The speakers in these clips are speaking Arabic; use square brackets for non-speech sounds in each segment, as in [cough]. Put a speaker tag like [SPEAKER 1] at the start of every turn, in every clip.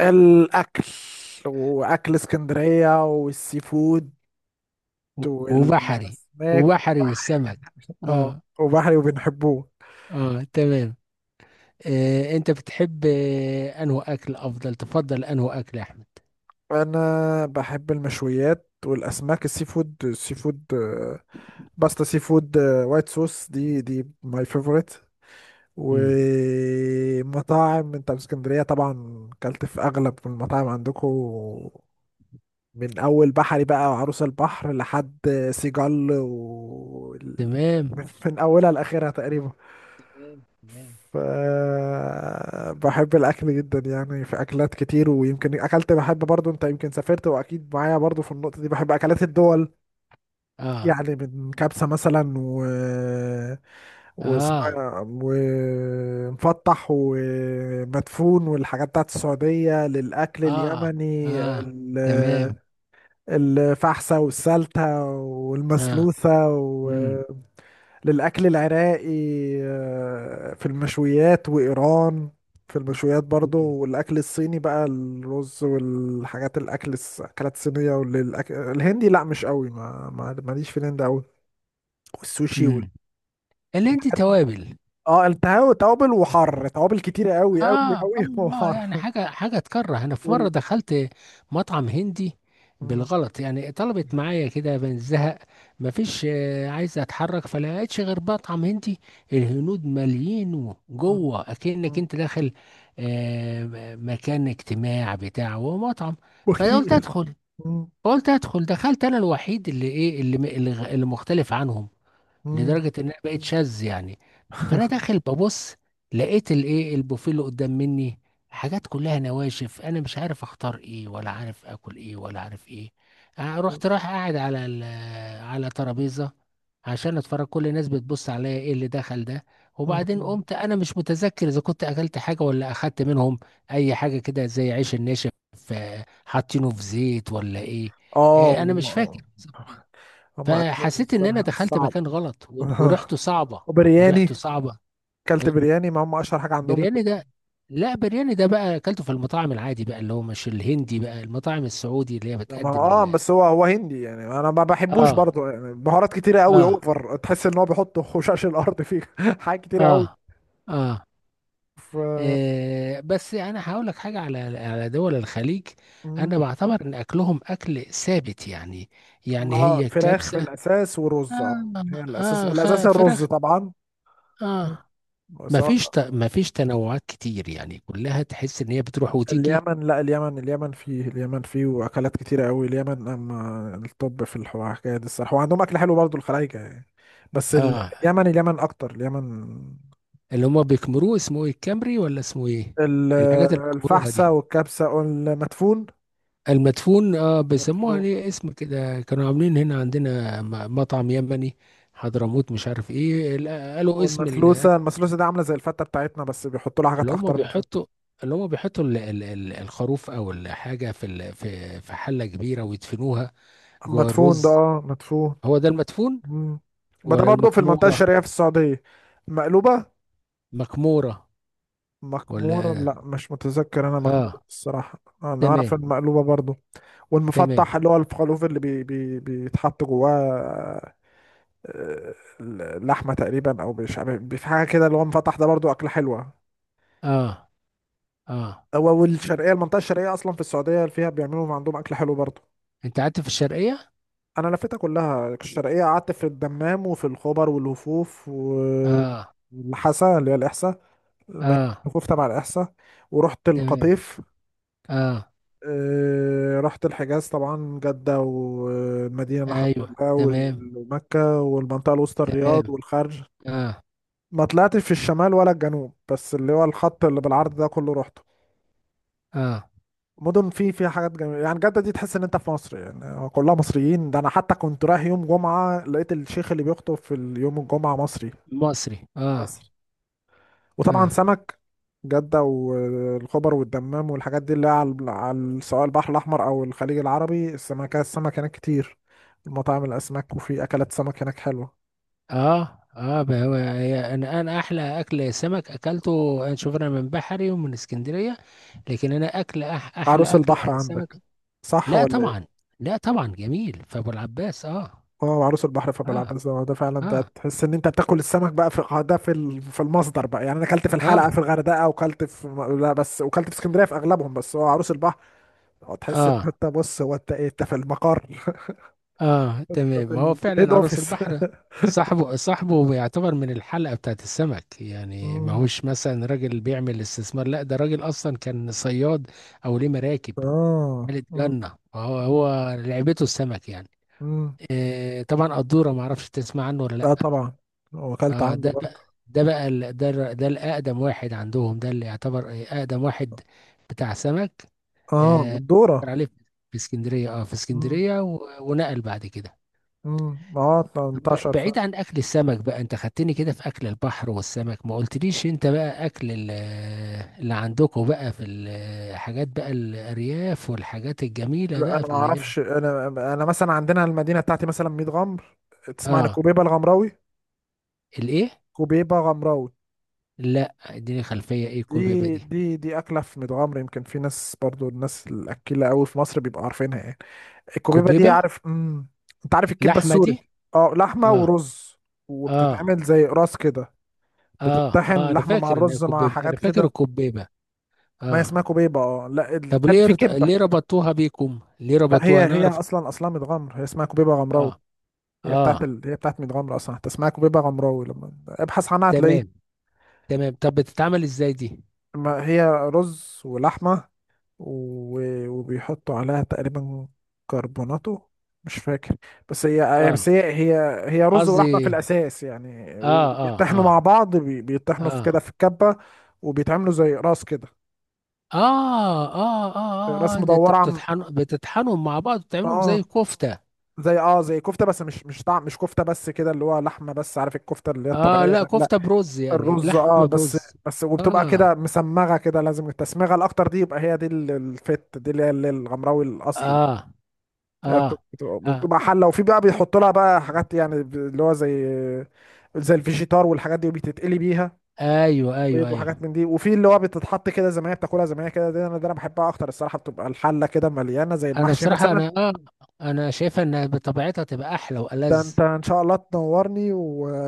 [SPEAKER 1] الأكل وأكل اسكندرية والسي فود
[SPEAKER 2] و- وبحري
[SPEAKER 1] والأسماك
[SPEAKER 2] وبحري
[SPEAKER 1] وبحر،
[SPEAKER 2] والسمك.
[SPEAKER 1] اه
[SPEAKER 2] اه.
[SPEAKER 1] وبحري وبنحبوه.
[SPEAKER 2] اه. تمام. انت بتحب انه اكل تفضل انه اكل يا احمد؟
[SPEAKER 1] أنا بحب المشويات والأسماك، السي فود، باستا سي فود، وايت صوص، دي ماي فيفورت.
[SPEAKER 2] امم.
[SPEAKER 1] ومطاعم انت في اسكندرية طبعا كلت في أغلب المطاعم عندكم، من أول بحري بقى وعروس البحر لحد سيجال و...
[SPEAKER 2] تمام.
[SPEAKER 1] من اولها لاخرها تقريبا.
[SPEAKER 2] تمام. تمام.
[SPEAKER 1] ف بحب الاكل جدا، يعني في اكلات كتير، ويمكن اكلت بحب برضو انت، يمكن سافرت واكيد معايا برضو في النقطة دي. بحب اكلات الدول،
[SPEAKER 2] اه.
[SPEAKER 1] يعني من كبسة مثلا، و
[SPEAKER 2] اه.
[SPEAKER 1] واسمها ومفتح ومدفون والحاجات بتاعت السعودية. للأكل
[SPEAKER 2] اه.
[SPEAKER 1] اليمني
[SPEAKER 2] اه. تمام.
[SPEAKER 1] الفحسة والسلتة
[SPEAKER 2] اه.
[SPEAKER 1] والمسلوسة.
[SPEAKER 2] امم.
[SPEAKER 1] للأكل العراقي، آه، في المشويات، وإيران في المشويات برضو.
[SPEAKER 2] امم.
[SPEAKER 1] والأكل الصيني بقى الرز والحاجات، الأكل الأكلات الصينية. والأكل الهندي لأ مش قوي، ماليش في الهند قوي، والسوشي وال...
[SPEAKER 2] أمم. اللي عندي توابل.
[SPEAKER 1] اه التهاب توابل وحر، توابل كتيرة قوي
[SPEAKER 2] اه.
[SPEAKER 1] قوي
[SPEAKER 2] اه.
[SPEAKER 1] قوي [laughs]
[SPEAKER 2] يعني
[SPEAKER 1] وحر.
[SPEAKER 2] حاجه تكره. انا في مره
[SPEAKER 1] وال
[SPEAKER 2] دخلت مطعم هندي
[SPEAKER 1] م-
[SPEAKER 2] بالغلط، يعني طلبت معايا كده من الزهق. مفيش عايز اتحرك، فلقيتش غير مطعم هندي. الهنود ماليين
[SPEAKER 1] م-
[SPEAKER 2] جوه اكنك
[SPEAKER 1] م-
[SPEAKER 2] انت داخل مكان اجتماع، بتاع هو مطعم. فقلت
[SPEAKER 1] وكتير،
[SPEAKER 2] ادخل.
[SPEAKER 1] م-
[SPEAKER 2] قلت ادخل دخلت، انا الوحيد اللي ايه، اللي م- اللي غ- اللي مختلف عنهم
[SPEAKER 1] م-
[SPEAKER 2] لدرجه انها بقت شاذ يعني. فانا داخل ببص، لقيت الايه البوفيه اللي قدام مني، حاجات كلها نواشف، انا مش عارف اختار ايه ولا عارف اكل ايه ولا عارف ايه.
[SPEAKER 1] م-
[SPEAKER 2] رايح قاعد على ترابيزه عشان اتفرج، كل الناس بتبص عليا ايه اللي دخل ده. وبعدين
[SPEAKER 1] م-
[SPEAKER 2] قمت انا مش متذكر اذا كنت اكلت حاجه ولا اخدت منهم اي حاجه كده زي عيش الناشف. حاطينه في زيت ولا ايه.
[SPEAKER 1] اه
[SPEAKER 2] انا مش
[SPEAKER 1] والله،
[SPEAKER 2] فاكر.
[SPEAKER 1] هما أكلهم
[SPEAKER 2] فحسيت ان انا
[SPEAKER 1] الصراحة
[SPEAKER 2] دخلت
[SPEAKER 1] صعب.
[SPEAKER 2] مكان غلط
[SPEAKER 1] [laughs]
[SPEAKER 2] و- وريحته
[SPEAKER 1] آه،
[SPEAKER 2] صعبه. وريحته
[SPEAKER 1] وبرياني،
[SPEAKER 2] صعبه.
[SPEAKER 1] كلت برياني، ما هم اشهر حاجه عندهم
[SPEAKER 2] برياني ده؟
[SPEAKER 1] البرياني.
[SPEAKER 2] لا برياني ده بقى اكلته في المطاعم العادي بقى، اللي هو مش الهندي بقى، المطاعم السعودي اللي هي
[SPEAKER 1] ما هو
[SPEAKER 2] بتقدم
[SPEAKER 1] اه،
[SPEAKER 2] ال.
[SPEAKER 1] بس هو هندي يعني، انا ما بحبوش
[SPEAKER 2] اه.
[SPEAKER 1] برضه يعني، بهارات كتيره قوي
[SPEAKER 2] اه.
[SPEAKER 1] اوفر، تحس ان هو بيحط خشاش الارض فيه [laughs] حاجات كتيره
[SPEAKER 2] اه.
[SPEAKER 1] قوي.
[SPEAKER 2] اه.
[SPEAKER 1] ف
[SPEAKER 2] بس انا هقول لك حاجه على دول الخليج.
[SPEAKER 1] مم.
[SPEAKER 2] انا بعتبر ان اكلهم اكل ثابت يعني. يعني
[SPEAKER 1] اه
[SPEAKER 2] هي
[SPEAKER 1] فراخ في
[SPEAKER 2] الكبسه.
[SPEAKER 1] الاساس ورز، اه
[SPEAKER 2] اه.
[SPEAKER 1] هي الاساس، الرز
[SPEAKER 2] فراخ.
[SPEAKER 1] طبعا. مم.
[SPEAKER 2] اه. ما
[SPEAKER 1] سواء
[SPEAKER 2] فيش ت... ما فيش تنوعات كتير يعني، كلها تحس ان هي بتروح وتيجي.
[SPEAKER 1] اليمن، لا اليمن، اليمن فيه واكلات كتيره قوي اليمن، اما الطب في الحكايه دي الصراحه، وعندهم اكل حلو برضه الخلايجه يعني. بس ال-
[SPEAKER 2] اه،
[SPEAKER 1] اليمن اكتر، اليمن.
[SPEAKER 2] اللي هما بيكمروه اسمه ايه، الكمري ولا اسمه ايه؟
[SPEAKER 1] ال-
[SPEAKER 2] الحاجات اللي بيكمروها
[SPEAKER 1] الفحسة
[SPEAKER 2] دي.
[SPEAKER 1] والكبسة والمدفون.
[SPEAKER 2] المدفون اه، بيسموها
[SPEAKER 1] مدفون
[SPEAKER 2] ليه اسم كده؟ كانوا عاملين هنا عندنا مطعم يمني، حضرموت مش عارف ايه ال-، قالوا اسم ال-،
[SPEAKER 1] والمثلوسة. المثلوسة دي عاملة زي الفتة بتاعتنا، بس بيحطوا لها حاجات
[SPEAKER 2] اللي هما
[SPEAKER 1] أخطر من الفتة.
[SPEAKER 2] بيحطوا، اللي هما بيحطوا الخروف او الحاجة في ال- في في حلة كبيرة ويدفنوها جوه
[SPEAKER 1] مدفون ده،
[SPEAKER 2] الرز.
[SPEAKER 1] اه مدفون.
[SPEAKER 2] هو ده المدفون
[SPEAKER 1] مم. ما ده
[SPEAKER 2] ولا
[SPEAKER 1] برضه في المنطقة
[SPEAKER 2] المكمورة؟
[SPEAKER 1] الشرقية في السعودية. مقلوبة.
[SPEAKER 2] مكمورة؟
[SPEAKER 1] مكمورة
[SPEAKER 2] ولا.
[SPEAKER 1] لا مش متذكر أنا، مكمورة
[SPEAKER 2] اه.
[SPEAKER 1] الصراحة، أنا أعرف
[SPEAKER 2] تمام.
[SPEAKER 1] المقلوبة برضه.
[SPEAKER 2] تمام.
[SPEAKER 1] والمفتح اللي هو الخروف اللي بي بي بيتحط جواه، آه، لحمة تقريبا أو مش في حاجة كده، اللي هو مفتح ده برضه أكلة حلوة.
[SPEAKER 2] اه. اه.
[SPEAKER 1] هو والشرقيه، المنطقه الشرقيه اصلا في السعوديه فيها بيعملوا عندهم اكل حلو برضه.
[SPEAKER 2] انت قعدت في الشرقية؟
[SPEAKER 1] انا لفيتها كلها الشرقيه، قعدت في الدمام وفي الخبر والوفوف و
[SPEAKER 2] اه.
[SPEAKER 1] والحسا اللي هي الاحساء، الم-
[SPEAKER 2] اه.
[SPEAKER 1] الوفوف تبع الاحساء، ورحت
[SPEAKER 2] تمام.
[SPEAKER 1] القطيف.
[SPEAKER 2] اه.
[SPEAKER 1] آه، رحت الحجاز طبعا، جده والمدينه الحمد
[SPEAKER 2] ايوه.
[SPEAKER 1] لله
[SPEAKER 2] تمام.
[SPEAKER 1] ومكه، والمنطقه الوسطى الرياض
[SPEAKER 2] تمام.
[SPEAKER 1] والخرج.
[SPEAKER 2] اه.
[SPEAKER 1] ما طلعتش في الشمال ولا الجنوب، بس اللي هو الخط اللي بالعرض ده كله رحت.
[SPEAKER 2] اه.
[SPEAKER 1] مدن في فيها حاجات جميله يعني، جده دي تحس ان انت في مصر يعني، هو كلها مصريين، ده انا حتى كنت رايح يوم جمعه لقيت الشيخ اللي بيخطب في يوم الجمعه مصري،
[SPEAKER 2] مصري، اه.
[SPEAKER 1] مصر. وطبعا
[SPEAKER 2] اه.
[SPEAKER 1] سمك، جده والخبر والدمام، والحاجات دي اللي هي على على سواء البحر الاحمر او الخليج العربي، السمكه السمك هناك كتير، المطاعم الاسماك، وفي اكلات سمك هناك حلوه.
[SPEAKER 2] اه. اه. بقى، هو هي-، انا احلى اكل سمك اكلته انا، شوف، انا من بحري ومن اسكندرية. لكن انا اكل،
[SPEAKER 1] عروس
[SPEAKER 2] احلى اكل
[SPEAKER 1] البحر
[SPEAKER 2] سمك.
[SPEAKER 1] عندك صح
[SPEAKER 2] لا
[SPEAKER 1] ولا؟
[SPEAKER 2] طبعا. لا طبعا جميل فابو العباس اه.
[SPEAKER 1] اه عروس البحر
[SPEAKER 2] اه.
[SPEAKER 1] فبلعب، بس هو ده فعلا، ده
[SPEAKER 2] اه.
[SPEAKER 1] تحس ان انت بتاكل السمك بقى، في اه ده في في المصدر بقى يعني. انا اكلت في
[SPEAKER 2] اه.
[SPEAKER 1] الحلقه في الغردقه، وكلت في لا، بس وكلت في اسكندريه في اغلبهم، بس هو عروس البحر اه، تحس ان
[SPEAKER 2] اه.
[SPEAKER 1] انت بص، هو انت ايه، انت في المقر [laughs]
[SPEAKER 2] اه.
[SPEAKER 1] انت
[SPEAKER 2] تمام، ما هو
[SPEAKER 1] في الهيد
[SPEAKER 2] فعلا عروس
[SPEAKER 1] اوفيس
[SPEAKER 2] البحر.
[SPEAKER 1] [laughs]
[SPEAKER 2] صاحبه، صاحبه بيعتبر من الحلقة بتاعت السمك يعني، ما
[SPEAKER 1] مم.
[SPEAKER 2] هوش مثلا راجل بيعمل استثمار. لا ده راجل اصلا كان صياد، او ليه مراكب،
[SPEAKER 1] اه
[SPEAKER 2] ملك
[SPEAKER 1] مم.
[SPEAKER 2] جنة، هو هو لعبته السمك يعني.
[SPEAKER 1] مم.
[SPEAKER 2] آه طبعا قدورة، ما اعرفش تسمع عنه ولا
[SPEAKER 1] اه
[SPEAKER 2] لا.
[SPEAKER 1] طبعا، واكلت
[SPEAKER 2] آه.
[SPEAKER 1] عنده
[SPEAKER 2] ده
[SPEAKER 1] برضه.
[SPEAKER 2] ده بقى ال-، ده الر-، ده الاقدم واحد عندهم، ده اللي يعتبر اقدم واحد بتاع سمك.
[SPEAKER 1] اه
[SPEAKER 2] آه،
[SPEAKER 1] الدوره.
[SPEAKER 2] كان عليه في اسكندرية. اه في
[SPEAKER 1] مم.
[SPEAKER 2] اسكندرية و- ونقل بعد كده.
[SPEAKER 1] مم. اه 18.
[SPEAKER 2] بعيد عن اكل السمك بقى، انت خدتني كده في اكل البحر والسمك، ما قلتليش انت بقى اكل ال-، اللي عندكم بقى في الحاجات، بقى الارياف والحاجات الجميله
[SPEAKER 1] لا
[SPEAKER 2] بقى
[SPEAKER 1] انا
[SPEAKER 2] في
[SPEAKER 1] ما
[SPEAKER 2] اللي.
[SPEAKER 1] اعرفش، انا انا مثلا عندنا المدينه بتاعتي مثلا 100 غمر، تسمع عن
[SPEAKER 2] اه.
[SPEAKER 1] كوبيبه الغمراوي؟
[SPEAKER 2] الايه؟
[SPEAKER 1] كوبيبه غمراوي
[SPEAKER 2] لا اديني خلفيه، ايه كوبيبه
[SPEAKER 1] دي،
[SPEAKER 2] دي؟
[SPEAKER 1] دي اكله في ميت غمر، يمكن في ناس برضو، الناس الاكيله قوي في مصر بيبقوا عارفينها يعني، الكوبيبه دي
[SPEAKER 2] كوبيبه.
[SPEAKER 1] عارف، امم. انت عارف الكبه
[SPEAKER 2] لحمه
[SPEAKER 1] السوري،
[SPEAKER 2] دي؟
[SPEAKER 1] اه لحمه
[SPEAKER 2] اه.
[SPEAKER 1] ورز،
[SPEAKER 2] اه.
[SPEAKER 1] وبتتعمل زي قراص كده،
[SPEAKER 2] اه.
[SPEAKER 1] بتطحن
[SPEAKER 2] اه، انا
[SPEAKER 1] لحمه مع
[SPEAKER 2] فاكر ان هي
[SPEAKER 1] الرز مع
[SPEAKER 2] كوبيبه، انا
[SPEAKER 1] حاجات
[SPEAKER 2] فاكر
[SPEAKER 1] كده.
[SPEAKER 2] الكوبيبه.
[SPEAKER 1] ما هي اسمها
[SPEAKER 2] اه.
[SPEAKER 1] كوبيبه اه، لا
[SPEAKER 2] طب
[SPEAKER 1] التاني
[SPEAKER 2] ليه
[SPEAKER 1] في
[SPEAKER 2] رت-
[SPEAKER 1] كبه.
[SPEAKER 2] ليه ربطوها بيكم؟ ليه
[SPEAKER 1] لا هي
[SPEAKER 2] ربطوها
[SPEAKER 1] هي
[SPEAKER 2] نعرف.
[SPEAKER 1] اصلا، اصلا ميت غمر هي اسمها كوبيبه
[SPEAKER 2] اه.
[SPEAKER 1] غمراوي، هي بتاعت
[SPEAKER 2] اه.
[SPEAKER 1] ال... هي بتاعت ميت غمر اصلا، حتى اسمها كبيبه غمراوي لما ابحث عنها هتلاقيه.
[SPEAKER 2] تمام. تمام، طب بتتعمل ازاي دي؟
[SPEAKER 1] ما هي رز ولحمه و... وبيحطوا عليها تقريبا كربوناتو، مش فاكر، بس هي هي-
[SPEAKER 2] اه.
[SPEAKER 1] بس هي هي هي رز ولحمه في
[SPEAKER 2] قصدي،
[SPEAKER 1] الاساس يعني،
[SPEAKER 2] اه. اه.
[SPEAKER 1] وبيطحنوا مع
[SPEAKER 2] اه.
[SPEAKER 1] بعض، بي... بيطحنوا في كده
[SPEAKER 2] اه.
[SPEAKER 1] في الكبه. وبيتعملوا زي راس كده،
[SPEAKER 2] اه. اه. اه.
[SPEAKER 1] راس
[SPEAKER 2] اه. آه، ده انت
[SPEAKER 1] مدوره، عم...
[SPEAKER 2] بتطحن، بتطحنهم مع بعض وتعملهم
[SPEAKER 1] اه
[SPEAKER 2] زي كفتة؟
[SPEAKER 1] زي، زي كفته، بس مش مش طعم، مش كفته، بس كده اللي هو لحمه بس، عارف الكفته اللي هي
[SPEAKER 2] اه.
[SPEAKER 1] الطبيعيه،
[SPEAKER 2] لا
[SPEAKER 1] لا
[SPEAKER 2] كفتة برز يعني،
[SPEAKER 1] الرز اه
[SPEAKER 2] لحمة
[SPEAKER 1] بس،
[SPEAKER 2] برز.
[SPEAKER 1] بس. وبتبقى
[SPEAKER 2] اه.
[SPEAKER 1] كده مسمغه كده، لازم التسمغه الاكتر دي، يبقى هي دي الفت دي اللي هي اللي الغمراوي الاصلي.
[SPEAKER 2] اه. اه. اه.
[SPEAKER 1] وبتبقى حله، وفي بقى بيحط لها بقى حاجات يعني، اللي هو زي، الفيجيتار والحاجات دي، وبتتقلي بيها
[SPEAKER 2] ايوه ايوه
[SPEAKER 1] بيض وحاجات
[SPEAKER 2] ايوه.
[SPEAKER 1] من دي. وفي اللي هو بتتحط كده زي ما هي، بتاكلها زي ما هي كده، دي انا، ده انا بحبها اكتر الصراحه، بتبقى الحله كده مليانه زي
[SPEAKER 2] انا
[SPEAKER 1] المحشي
[SPEAKER 2] بصراحة
[SPEAKER 1] مثلا.
[SPEAKER 2] انا اه، انا شايفة ان بطبيعتها تبقى احلى
[SPEAKER 1] ده
[SPEAKER 2] والذ.
[SPEAKER 1] انت ان شاء الله تنورني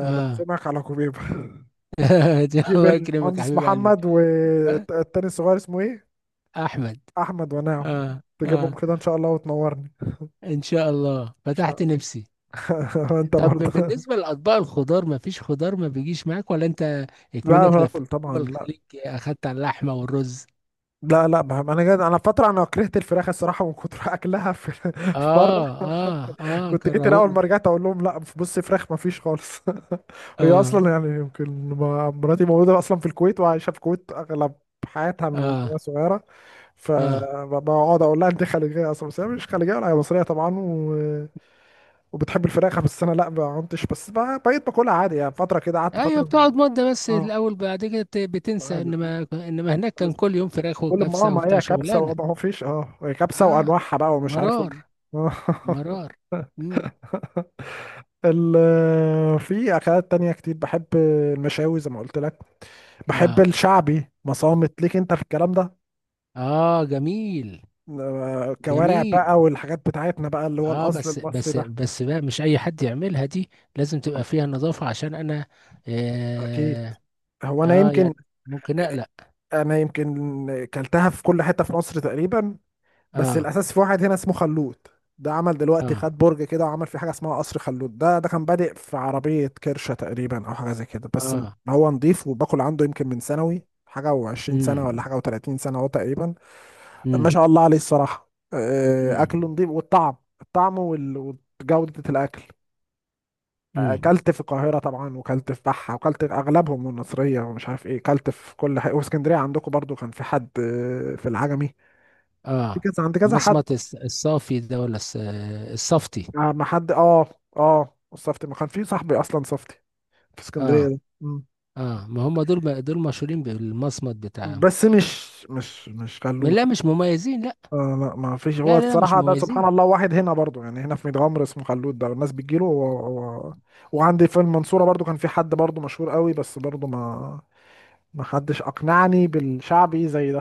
[SPEAKER 2] اه.
[SPEAKER 1] على كوبيبه [laughs]
[SPEAKER 2] [laughs] دي
[SPEAKER 1] جيب
[SPEAKER 2] الله يكرمك يا
[SPEAKER 1] المهندس
[SPEAKER 2] حبيب قلبي.
[SPEAKER 1] محمد والتاني الصغير اسمه ايه،
[SPEAKER 2] احمد.
[SPEAKER 1] احمد ونعم،
[SPEAKER 2] اه.
[SPEAKER 1] تجيبهم
[SPEAKER 2] اه.
[SPEAKER 1] كده ان شاء الله وتنورني.
[SPEAKER 2] ان شاء الله
[SPEAKER 1] ان
[SPEAKER 2] فتحت
[SPEAKER 1] شاء
[SPEAKER 2] نفسي.
[SPEAKER 1] الله. [laughs] وانت
[SPEAKER 2] طب
[SPEAKER 1] برضه.
[SPEAKER 2] بالنسبة لأطباق الخضار، مفيش خضار ما بيجيش معاك، ولا أنت
[SPEAKER 1] لا
[SPEAKER 2] إكمنك لفيت
[SPEAKER 1] باكل طبعا،
[SPEAKER 2] دول
[SPEAKER 1] لا
[SPEAKER 2] الخليج أخدت على اللحمة والرز؟
[SPEAKER 1] لا لا بهم. انا جد انا فتره انا كرهت الفراخ الصراحه، من كتر اكلها في [laughs] في بره.
[SPEAKER 2] آه آه آه
[SPEAKER 1] كنت جيت اول
[SPEAKER 2] كرهونا.
[SPEAKER 1] ما رجعت اقول لهم لا بص، فراخ ما فيش خالص [laughs] هي اصلا
[SPEAKER 2] آه.
[SPEAKER 1] يعني، يمكن مراتي موجوده اصلا في الكويت، وعايشه في الكويت اغلب حياتها من وهي
[SPEAKER 2] آه.
[SPEAKER 1] صغيره،
[SPEAKER 2] آه.
[SPEAKER 1] فبقعد اقول لها انت خليجيه اصلا، بس هي مش خليجيه ولا، هي مصريه طبعا و... وبتحب الفراخ، بس انا لا ما كنتش، بس بقيت باكلها عادي يعني، فتره كده قعدت
[SPEAKER 2] أيوة
[SPEAKER 1] فتره.
[SPEAKER 2] بتقعد مدة بس
[SPEAKER 1] اه
[SPEAKER 2] الأول، بعد كده بتنسى،
[SPEAKER 1] عادي.
[SPEAKER 2] إنما هناك كان
[SPEAKER 1] خلاص.
[SPEAKER 2] كل يوم فراخ
[SPEAKER 1] كل ما اه،
[SPEAKER 2] وكبسة
[SPEAKER 1] ما
[SPEAKER 2] وبتاع
[SPEAKER 1] هي كبسة،
[SPEAKER 2] شغلانة.
[SPEAKER 1] وما هو فيش اه، هي كبسة
[SPEAKER 2] آه.
[SPEAKER 1] وانواعها بقى ومش عارف
[SPEAKER 2] مرار. مرار.
[SPEAKER 1] [laughs]
[SPEAKER 2] مم.
[SPEAKER 1] آه، في اكلات تانية كتير، بحب المشاوي زي ما قلت لك، بحب
[SPEAKER 2] آه.
[SPEAKER 1] الشعبي، مصامت ليك انت في الكلام ده.
[SPEAKER 2] آه جميل.
[SPEAKER 1] آه، كوارع
[SPEAKER 2] جميل
[SPEAKER 1] بقى والحاجات بتاعتنا بقى، اللي هو
[SPEAKER 2] اه،
[SPEAKER 1] الاصل
[SPEAKER 2] بس
[SPEAKER 1] المصري
[SPEAKER 2] بس
[SPEAKER 1] ده.
[SPEAKER 2] بس بقى مش اي حد يعملها دي، لازم تبقى فيها نظافة عشان انا
[SPEAKER 1] اكيد،
[SPEAKER 2] اه,
[SPEAKER 1] هو انا
[SPEAKER 2] آه
[SPEAKER 1] يمكن
[SPEAKER 2] يعني ممكن اقلق.
[SPEAKER 1] انا يمكن كلتها في كل حتة في مصر تقريبا، بس
[SPEAKER 2] اه.
[SPEAKER 1] الاساس في واحد هنا اسمه خلود، عمل دلوقتي
[SPEAKER 2] اه.
[SPEAKER 1] خد برج كده وعمل فيه حاجه اسمها قصر خلود. ده كان بادئ في عربيه كرشه تقريبا، او حاجه زي كده، بس
[SPEAKER 2] اه.
[SPEAKER 1] هو نضيف، وباكل عنده يمكن من ثانوي حاجه، و20 سنه ولا
[SPEAKER 2] امم.
[SPEAKER 1] حاجه و30 سنه هو تقريبا. ما
[SPEAKER 2] امم.
[SPEAKER 1] شاء الله عليه الصراحه، آه، اكله
[SPEAKER 2] امم.
[SPEAKER 1] نضيف، والطعم، الطعم وال- وجوده الاكل. آه،
[SPEAKER 2] امم.
[SPEAKER 1] اكلت في القاهره طبعا، وكلت في بحه، وكلت اغلبهم والنصريه ومش عارف ايه، كلت في كل حاجه. واسكندريه عندكم برضو كان في حد، آه، في العجمي، في
[SPEAKER 2] اه،
[SPEAKER 1] كذا عند كذا حد،
[SPEAKER 2] مصمت الس-، الصافي ده ولا الس-، آه، الصفتي؟
[SPEAKER 1] آه ما حد اه، اه صفتي ما كان في صاحبي اصلا، صفتي في
[SPEAKER 2] اه.
[SPEAKER 1] اسكندريه ده، مم.
[SPEAKER 2] اه. ما هم دول ب-، دول مشهورين بالمصمت بتاعهم.
[SPEAKER 1] بس مش مش مش خلود.
[SPEAKER 2] لا مش مميزين لا.
[SPEAKER 1] آه لا ما فيش، هو
[SPEAKER 2] لا لا, لا مش
[SPEAKER 1] الصراحه ده سبحان
[SPEAKER 2] مميزين.
[SPEAKER 1] الله، واحد هنا برضو يعني، هنا في ميت غمر اسمه خلود، ده الناس بتجيله، هو وعندي في المنصوره برضو كان في حد برضو مشهور قوي، بس برضو ما، ما حدش اقنعني بالشعبي زي ده.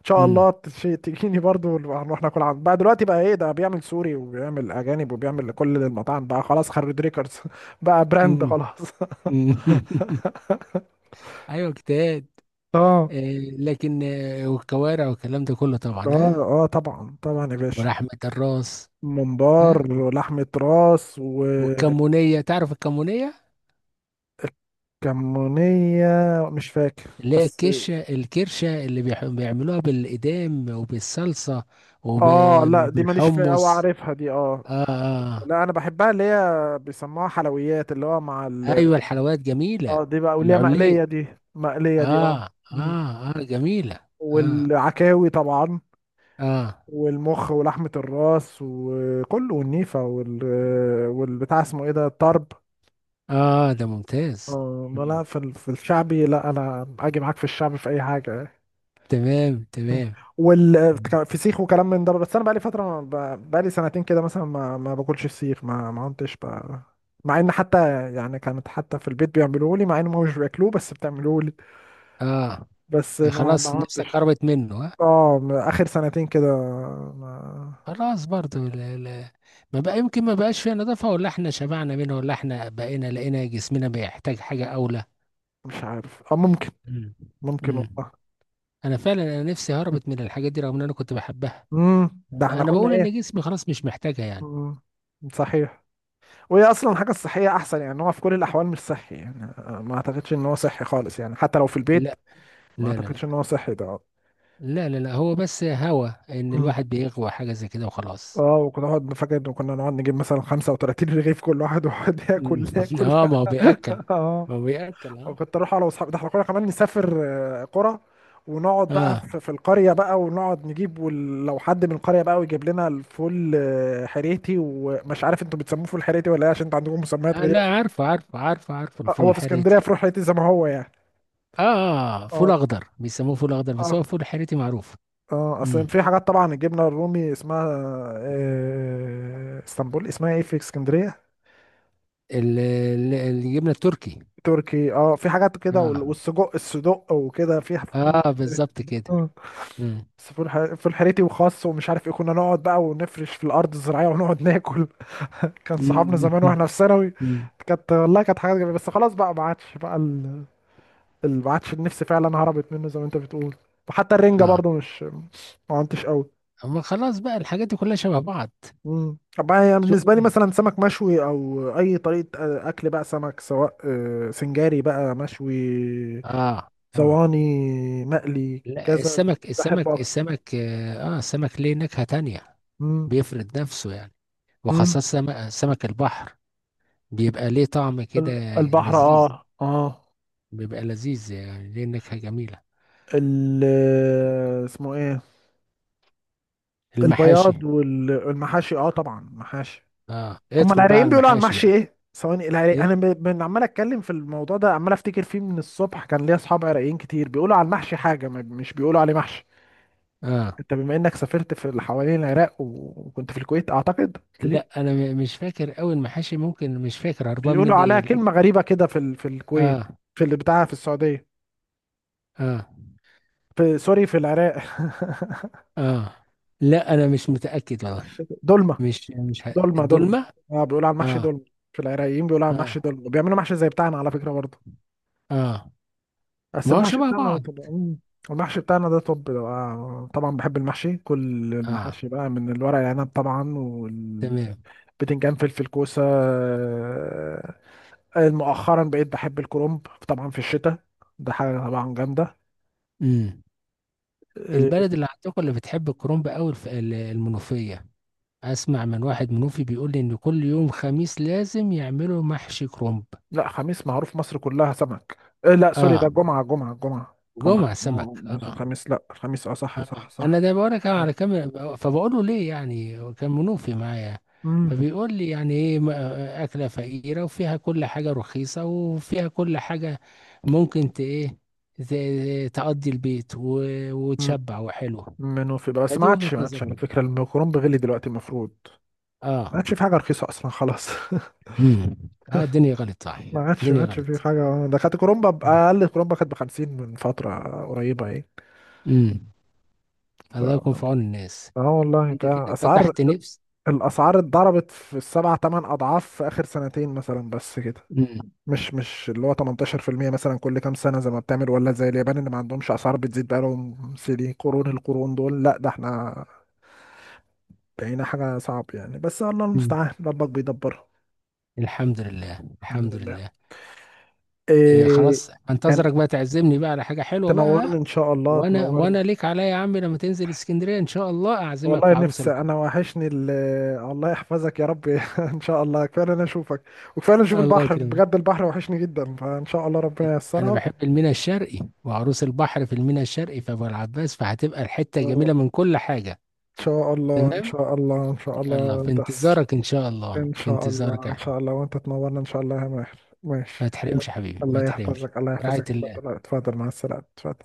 [SPEAKER 1] ان شاء الله
[SPEAKER 2] امم.
[SPEAKER 1] تجيني برضو، هنروح ناكل عند، بقى دلوقتي بقى ايه، ده بيعمل سوري وبيعمل اجانب وبيعمل لكل المطاعم، بقى خلاص خرج ريكوردز [laughs] بقى براند
[SPEAKER 2] امم.
[SPEAKER 1] خلاص.
[SPEAKER 2] [laughs] أمم.
[SPEAKER 1] [laughs]
[SPEAKER 2] ايوه اجتهاد.
[SPEAKER 1] اه
[SPEAKER 2] إيه، لكن آه، والكوارع والكلام ده كله طبعا ها.
[SPEAKER 1] اه اه طبعا طبعا يا باشا،
[SPEAKER 2] ولحمة الراس. ها.
[SPEAKER 1] ممبار ولحمة راس
[SPEAKER 2] والكمونية، تعرف الكمونية؟
[SPEAKER 1] وكمونية، مش فاكر
[SPEAKER 2] اللي هي
[SPEAKER 1] بس.
[SPEAKER 2] الكشة الكرشة اللي بيعملوها بالإدام وبالصلصة
[SPEAKER 1] اه لا دي ماليش فيها، او
[SPEAKER 2] وبالحمص.
[SPEAKER 1] عارفها دي اه.
[SPEAKER 2] آه, آه.
[SPEAKER 1] لا انا بحبها، اللي هي بيسموها حلويات اللي هو مع ال،
[SPEAKER 2] أيوة الحلويات جميلة.
[SPEAKER 1] اه دي بقى واللي هي مقلية
[SPEAKER 2] العليق.
[SPEAKER 1] دي، مقلية دي اه.
[SPEAKER 2] آه
[SPEAKER 1] مم.
[SPEAKER 2] آه آه جميلة. آه
[SPEAKER 1] والعكاوي طبعا،
[SPEAKER 2] آه
[SPEAKER 1] والمخ ولحمة الراس وكله، والنيفة وال، والبتاع اسمه ايه ده، الطرب،
[SPEAKER 2] آه ده ممتاز.
[SPEAKER 1] اه لا
[SPEAKER 2] مم.
[SPEAKER 1] لا، في في الشعبي لا، انا اجي معاك في الشعبي في اي حاجه.
[SPEAKER 2] تمام. تمام. مم.
[SPEAKER 1] والفسيخ وكلام من ده، بس انا بقالي فتره ما، بقالي سنتين كده مثلا، ما ما باكلش فسيخ، ما ما كنتش ب... مع ان حتى يعني، كانت حتى في البيت بيعملوه لي، مع ان هم مش بياكلوه، بس بتعملوه لي،
[SPEAKER 2] آه.
[SPEAKER 1] بس ما ما
[SPEAKER 2] خلاص نفسك
[SPEAKER 1] عدتش.
[SPEAKER 2] قربت منه آه.
[SPEAKER 1] اه اخر سنتين كده ما.
[SPEAKER 2] خلاص برضو، لا لا، ما بقى يمكن ما بقاش فيها نظافة، ولا احنا شبعنا منها، ولا احنا بقينا لقينا جسمنا بيحتاج حاجة أولى.
[SPEAKER 1] مش عارف اه، ممكن،
[SPEAKER 2] مم.
[SPEAKER 1] ممكن
[SPEAKER 2] امم.
[SPEAKER 1] والله.
[SPEAKER 2] انا فعلا انا نفسي هربت من الحاجات دي رغم ان انا كنت بحبها.
[SPEAKER 1] امم، ده احنا
[SPEAKER 2] انا
[SPEAKER 1] كنا
[SPEAKER 2] بقول ان
[SPEAKER 1] ايه،
[SPEAKER 2] جسمي خلاص مش محتاجها يعني.
[SPEAKER 1] امم، صحيح، وهي اصلا الحاجه الصحيه احسن يعني، هو في كل الاحوال مش صحي يعني، آه، ما اعتقدش ان هو صحي خالص يعني، حتى لو في البيت
[SPEAKER 2] لا
[SPEAKER 1] ما
[SPEAKER 2] لا لا. لا
[SPEAKER 1] اعتقدش ان هو صحي ده.
[SPEAKER 2] لا لا, لا. هو بس هوى ان
[SPEAKER 1] مم.
[SPEAKER 2] الواحد بيغوى حاجة زي كده وخلاص.
[SPEAKER 1] اه وكنا نقعد، فاكر ان كنا نقعد نجيب مثلا 35 رغيف كل واحد، ويقعد
[SPEAKER 2] مم.
[SPEAKER 1] ياكل
[SPEAKER 2] [laughs]
[SPEAKER 1] ياكل [laughs]
[SPEAKER 2] اه ما هو بيأكل،
[SPEAKER 1] اه
[SPEAKER 2] ما هو بيأكل اه.
[SPEAKER 1] وكنت اروح انا واصحابي، ده احنا كنا كمان نسافر، آه، قرى، ونقعد بقى
[SPEAKER 2] اه.
[SPEAKER 1] في القريه بقى، ونقعد نجيب، ولو حد من القريه بقى ويجيب لنا الفول، آه، حريتي، ومش عارف انتوا بتسموه فول حريتي ولا ايه، عشان انتوا عندكم مسميات
[SPEAKER 2] آه،
[SPEAKER 1] غريبه.
[SPEAKER 2] لا عارفه عارفه عارفه عارفه
[SPEAKER 1] آه،
[SPEAKER 2] الفول
[SPEAKER 1] هو في اسكندريه
[SPEAKER 2] الحريتي.
[SPEAKER 1] فول حريتي زي ما هو يعني.
[SPEAKER 2] اه. آه، آه، فول اخضر، بيسموه فول اخضر، بس هو
[SPEAKER 1] اه،
[SPEAKER 2] فول حريتي معروف.
[SPEAKER 1] اه اصل
[SPEAKER 2] امم.
[SPEAKER 1] في حاجات طبعا، الجبنه الرومي اسمها، آه، اسطنبول، اسمها ايه في اسكندريه،
[SPEAKER 2] ال- ال- الجبنه التركي.
[SPEAKER 1] تركي اه، في حاجات كده
[SPEAKER 2] اه.
[SPEAKER 1] والسجق الصدق، وكده في في
[SPEAKER 2] اه بالظبط كده.
[SPEAKER 1] اه.
[SPEAKER 2] امم.
[SPEAKER 1] بس في في الحريتي وخاص ومش عارف ايه، كنا نقعد بقى ونفرش في الارض الزراعيه ونقعد ناكل [laughs] كان صحابنا
[SPEAKER 2] أمم.
[SPEAKER 1] زمان واحنا في ثانوي.
[SPEAKER 2] أمم.
[SPEAKER 1] كانت والله كانت حاجات جميله، بس خلاص بقى، ما عادش بقى ال... ما عادش النفس فعلا، هربت منه زي ما انت بتقول. وحتى
[SPEAKER 2] [laughs]
[SPEAKER 1] الرنجه
[SPEAKER 2] اه
[SPEAKER 1] برضو مش، ما عدتش قوي.
[SPEAKER 2] اما خلاص بقى الحاجات دي كلها شبه بعض.
[SPEAKER 1] مم. طب هي
[SPEAKER 2] شو.
[SPEAKER 1] بالنسبة لي مثلا سمك مشوي أو أي طريقة، آه، أكل بقى سمك، سواء آه، سنجاري بقى، مشوي،
[SPEAKER 2] اه. اه.
[SPEAKER 1] صواني، مقلي،
[SPEAKER 2] لا
[SPEAKER 1] كذا،
[SPEAKER 2] السمك
[SPEAKER 1] بحبه
[SPEAKER 2] السمك
[SPEAKER 1] أكتر.
[SPEAKER 2] السمك اه، آه، السمك ليه نكهة تانية،
[SPEAKER 1] مم.
[SPEAKER 2] بيفرد نفسه يعني،
[SPEAKER 1] مم.
[SPEAKER 2] وخاصة سمك، سمك البحر بيبقى ليه طعم كده
[SPEAKER 1] البحر
[SPEAKER 2] لذيذ،
[SPEAKER 1] آه آه،
[SPEAKER 2] بيبقى لذيذ يعني، ليه نكهة جميلة.
[SPEAKER 1] ال اسمه إيه،
[SPEAKER 2] المحاشي.
[SPEAKER 1] البياض والمحاشي، آه طبعا محاشي.
[SPEAKER 2] اه
[SPEAKER 1] هما
[SPEAKER 2] ادخل بقى
[SPEAKER 1] العراقيين
[SPEAKER 2] على
[SPEAKER 1] بيقولوا على
[SPEAKER 2] المحاشي
[SPEAKER 1] المحشي
[SPEAKER 2] بقى.
[SPEAKER 1] إيه، ثواني، العراق، أنا
[SPEAKER 2] ايه.
[SPEAKER 1] عمال أتكلم في الموضوع ده، عمال أفتكر فيه من الصبح، كان ليا أصحاب عراقيين كتير، بيقولوا على المحشي حاجة مش بيقولوا عليه محشي.
[SPEAKER 2] اه،
[SPEAKER 1] انت بما انك سافرت في اللي حوالين العراق وكنت في الكويت اعتقد قلت لي،
[SPEAKER 2] لا انا مش فاكر قوي المحاشي، ممكن مش فاكر، هربان
[SPEAKER 1] بيقولوا
[SPEAKER 2] مني
[SPEAKER 1] عليها
[SPEAKER 2] الاسم.
[SPEAKER 1] كلمة غريبة كده في ال... في الكويت،
[SPEAKER 2] اه.
[SPEAKER 1] في اللي بتاعها في السعودية،
[SPEAKER 2] اه.
[SPEAKER 1] في سوري، في العراق [laughs]
[SPEAKER 2] اه. لا انا مش متاكد والله.
[SPEAKER 1] دولمة
[SPEAKER 2] مش مش ه...
[SPEAKER 1] دولمة دولمة.
[SPEAKER 2] الدولمه.
[SPEAKER 1] اه بيقولوا على المحشي
[SPEAKER 2] اه.
[SPEAKER 1] دولمة، في العراقيين بيقولوا على المحشي
[SPEAKER 2] اه.
[SPEAKER 1] دولمة، بيعملوا محشي زي بتاعنا على فكرة برضه،
[SPEAKER 2] اه،
[SPEAKER 1] بس
[SPEAKER 2] ما هو
[SPEAKER 1] المحشي
[SPEAKER 2] شبه
[SPEAKER 1] بتاعنا ده
[SPEAKER 2] بعض.
[SPEAKER 1] طب، مم. المحشي بتاعنا ده طب، آه، طبعا بحب المحشي، كل
[SPEAKER 2] اه.
[SPEAKER 1] المحاشي بقى من الورق العنب طبعا، والبتنجان،
[SPEAKER 2] تمام.
[SPEAKER 1] فلفل، كوسة، آه، مؤخرا بقيت بحب الكرنب طبعا في الشتاء، ده حاجة طبعا جامدة.
[SPEAKER 2] امم.
[SPEAKER 1] إيه،
[SPEAKER 2] البلد اللي عندكم اللي بتحب الكرنب قوي الف...، ال-، المنوفيه. اسمع من واحد منوفي بيقول لي ان كل يوم خميس لازم يعملوا محشي كرنب.
[SPEAKER 1] لا خميس معروف مصر كلها سمك، إيه، لا سوري ده
[SPEAKER 2] اه.
[SPEAKER 1] جمعة، جمعة، جمعة
[SPEAKER 2] جمعه سمك.
[SPEAKER 1] آه،
[SPEAKER 2] اه.
[SPEAKER 1] الخميس لا الخميس اه صح صح
[SPEAKER 2] انا
[SPEAKER 1] صح.
[SPEAKER 2] ده بقول لك على كام، فبقول له ليه؟ يعني كان منوفي معايا.
[SPEAKER 1] امم،
[SPEAKER 2] فبيقول لي يعني ايه، ما- اكله فقيره وفيها كل حاجه رخيصه وفيها كل حاجه، ممكن ت ايه، تقضي البيت وتشبع وحلو.
[SPEAKER 1] منه في بقى، بس ما
[SPEAKER 2] فدي وجهه
[SPEAKER 1] عادش، ما عادش على
[SPEAKER 2] نظري.
[SPEAKER 1] فكرة الكرنب غلي دلوقتي المفروض، ما
[SPEAKER 2] اه.
[SPEAKER 1] عادش في حاجة رخيصة أصلا خلاص [laughs]
[SPEAKER 2] امم. اه الدنيا غلط صح.
[SPEAKER 1] ما عادش، ما
[SPEAKER 2] الدنيا
[SPEAKER 1] عادش في
[SPEAKER 2] غلط.
[SPEAKER 1] حاجة، ده كانت كرومبا أقل كرومبا كانت بخمسين من فترة قريبة ايه.
[SPEAKER 2] امم.
[SPEAKER 1] ف...
[SPEAKER 2] الله يكون في عون الناس.
[SPEAKER 1] اه والله
[SPEAKER 2] انت
[SPEAKER 1] بقى
[SPEAKER 2] كده
[SPEAKER 1] أسعار،
[SPEAKER 2] فتحت نفس.
[SPEAKER 1] الاسعار اتضربت في السبع تمن اضعاف في اخر سنتين مثلا بس كده،
[SPEAKER 2] امم.
[SPEAKER 1] مش مش اللي هو 18% مثلا كل كام سنه زي ما بتعمل، ولا زي اليابان اللي ما عندهمش اسعار بتزيد بقالهم سنين، قرون، القرون دول، لا ده احنا بقينا حاجه صعب يعني، بس الله المستعان، ربك بيدبرها.
[SPEAKER 2] الحمد لله.
[SPEAKER 1] الحمد
[SPEAKER 2] الحمد
[SPEAKER 1] لله.
[SPEAKER 2] لله. إيه
[SPEAKER 1] إيه.
[SPEAKER 2] خلاص،
[SPEAKER 1] كان،
[SPEAKER 2] انتظرك بقى تعزمني بقى على حاجة حلوة بقى،
[SPEAKER 1] تنورني
[SPEAKER 2] ها؟
[SPEAKER 1] ان شاء الله،
[SPEAKER 2] وانا،
[SPEAKER 1] تنورني.
[SPEAKER 2] ليك عليا يا عم، لما تنزل اسكندرية ان شاء الله اعزمك
[SPEAKER 1] والله
[SPEAKER 2] في عروس
[SPEAKER 1] نفسي
[SPEAKER 2] البحر.
[SPEAKER 1] انا، وحشني ال، الله يحفظك يا رب [laughs] ان شاء الله، كفايه إن انا اشوفك، وكفايه إن أنا اشوف
[SPEAKER 2] الله
[SPEAKER 1] البحر
[SPEAKER 2] يكرمك.
[SPEAKER 1] بجد، البحر وحشني جدا، فان شاء الله ربنا
[SPEAKER 2] انا
[SPEAKER 1] ييسرها.
[SPEAKER 2] بحب الميناء الشرقي، وعروس البحر في الميناء الشرقي في ابو العباس، فهتبقى الحتة جميلة من كل حاجة.
[SPEAKER 1] ان شاء الله ان
[SPEAKER 2] تمام.
[SPEAKER 1] شاء الله ان شاء
[SPEAKER 2] يلا
[SPEAKER 1] الله
[SPEAKER 2] في
[SPEAKER 1] تحصل.
[SPEAKER 2] انتظارك ان شاء الله،
[SPEAKER 1] ان
[SPEAKER 2] في
[SPEAKER 1] شاء
[SPEAKER 2] انتظارك
[SPEAKER 1] الله
[SPEAKER 2] يا
[SPEAKER 1] ان
[SPEAKER 2] احمد.
[SPEAKER 1] شاء الله وانت تنورنا ان شاء الله يا ماهر،
[SPEAKER 2] ما
[SPEAKER 1] ماشي يلا.
[SPEAKER 2] تحرمش حبيبي ما
[SPEAKER 1] الله
[SPEAKER 2] تحرمش.
[SPEAKER 1] يحفظك الله
[SPEAKER 2] رعاية
[SPEAKER 1] يحفظك،
[SPEAKER 2] الله.
[SPEAKER 1] اتفضل اتفضل مع السلامة اتفضل.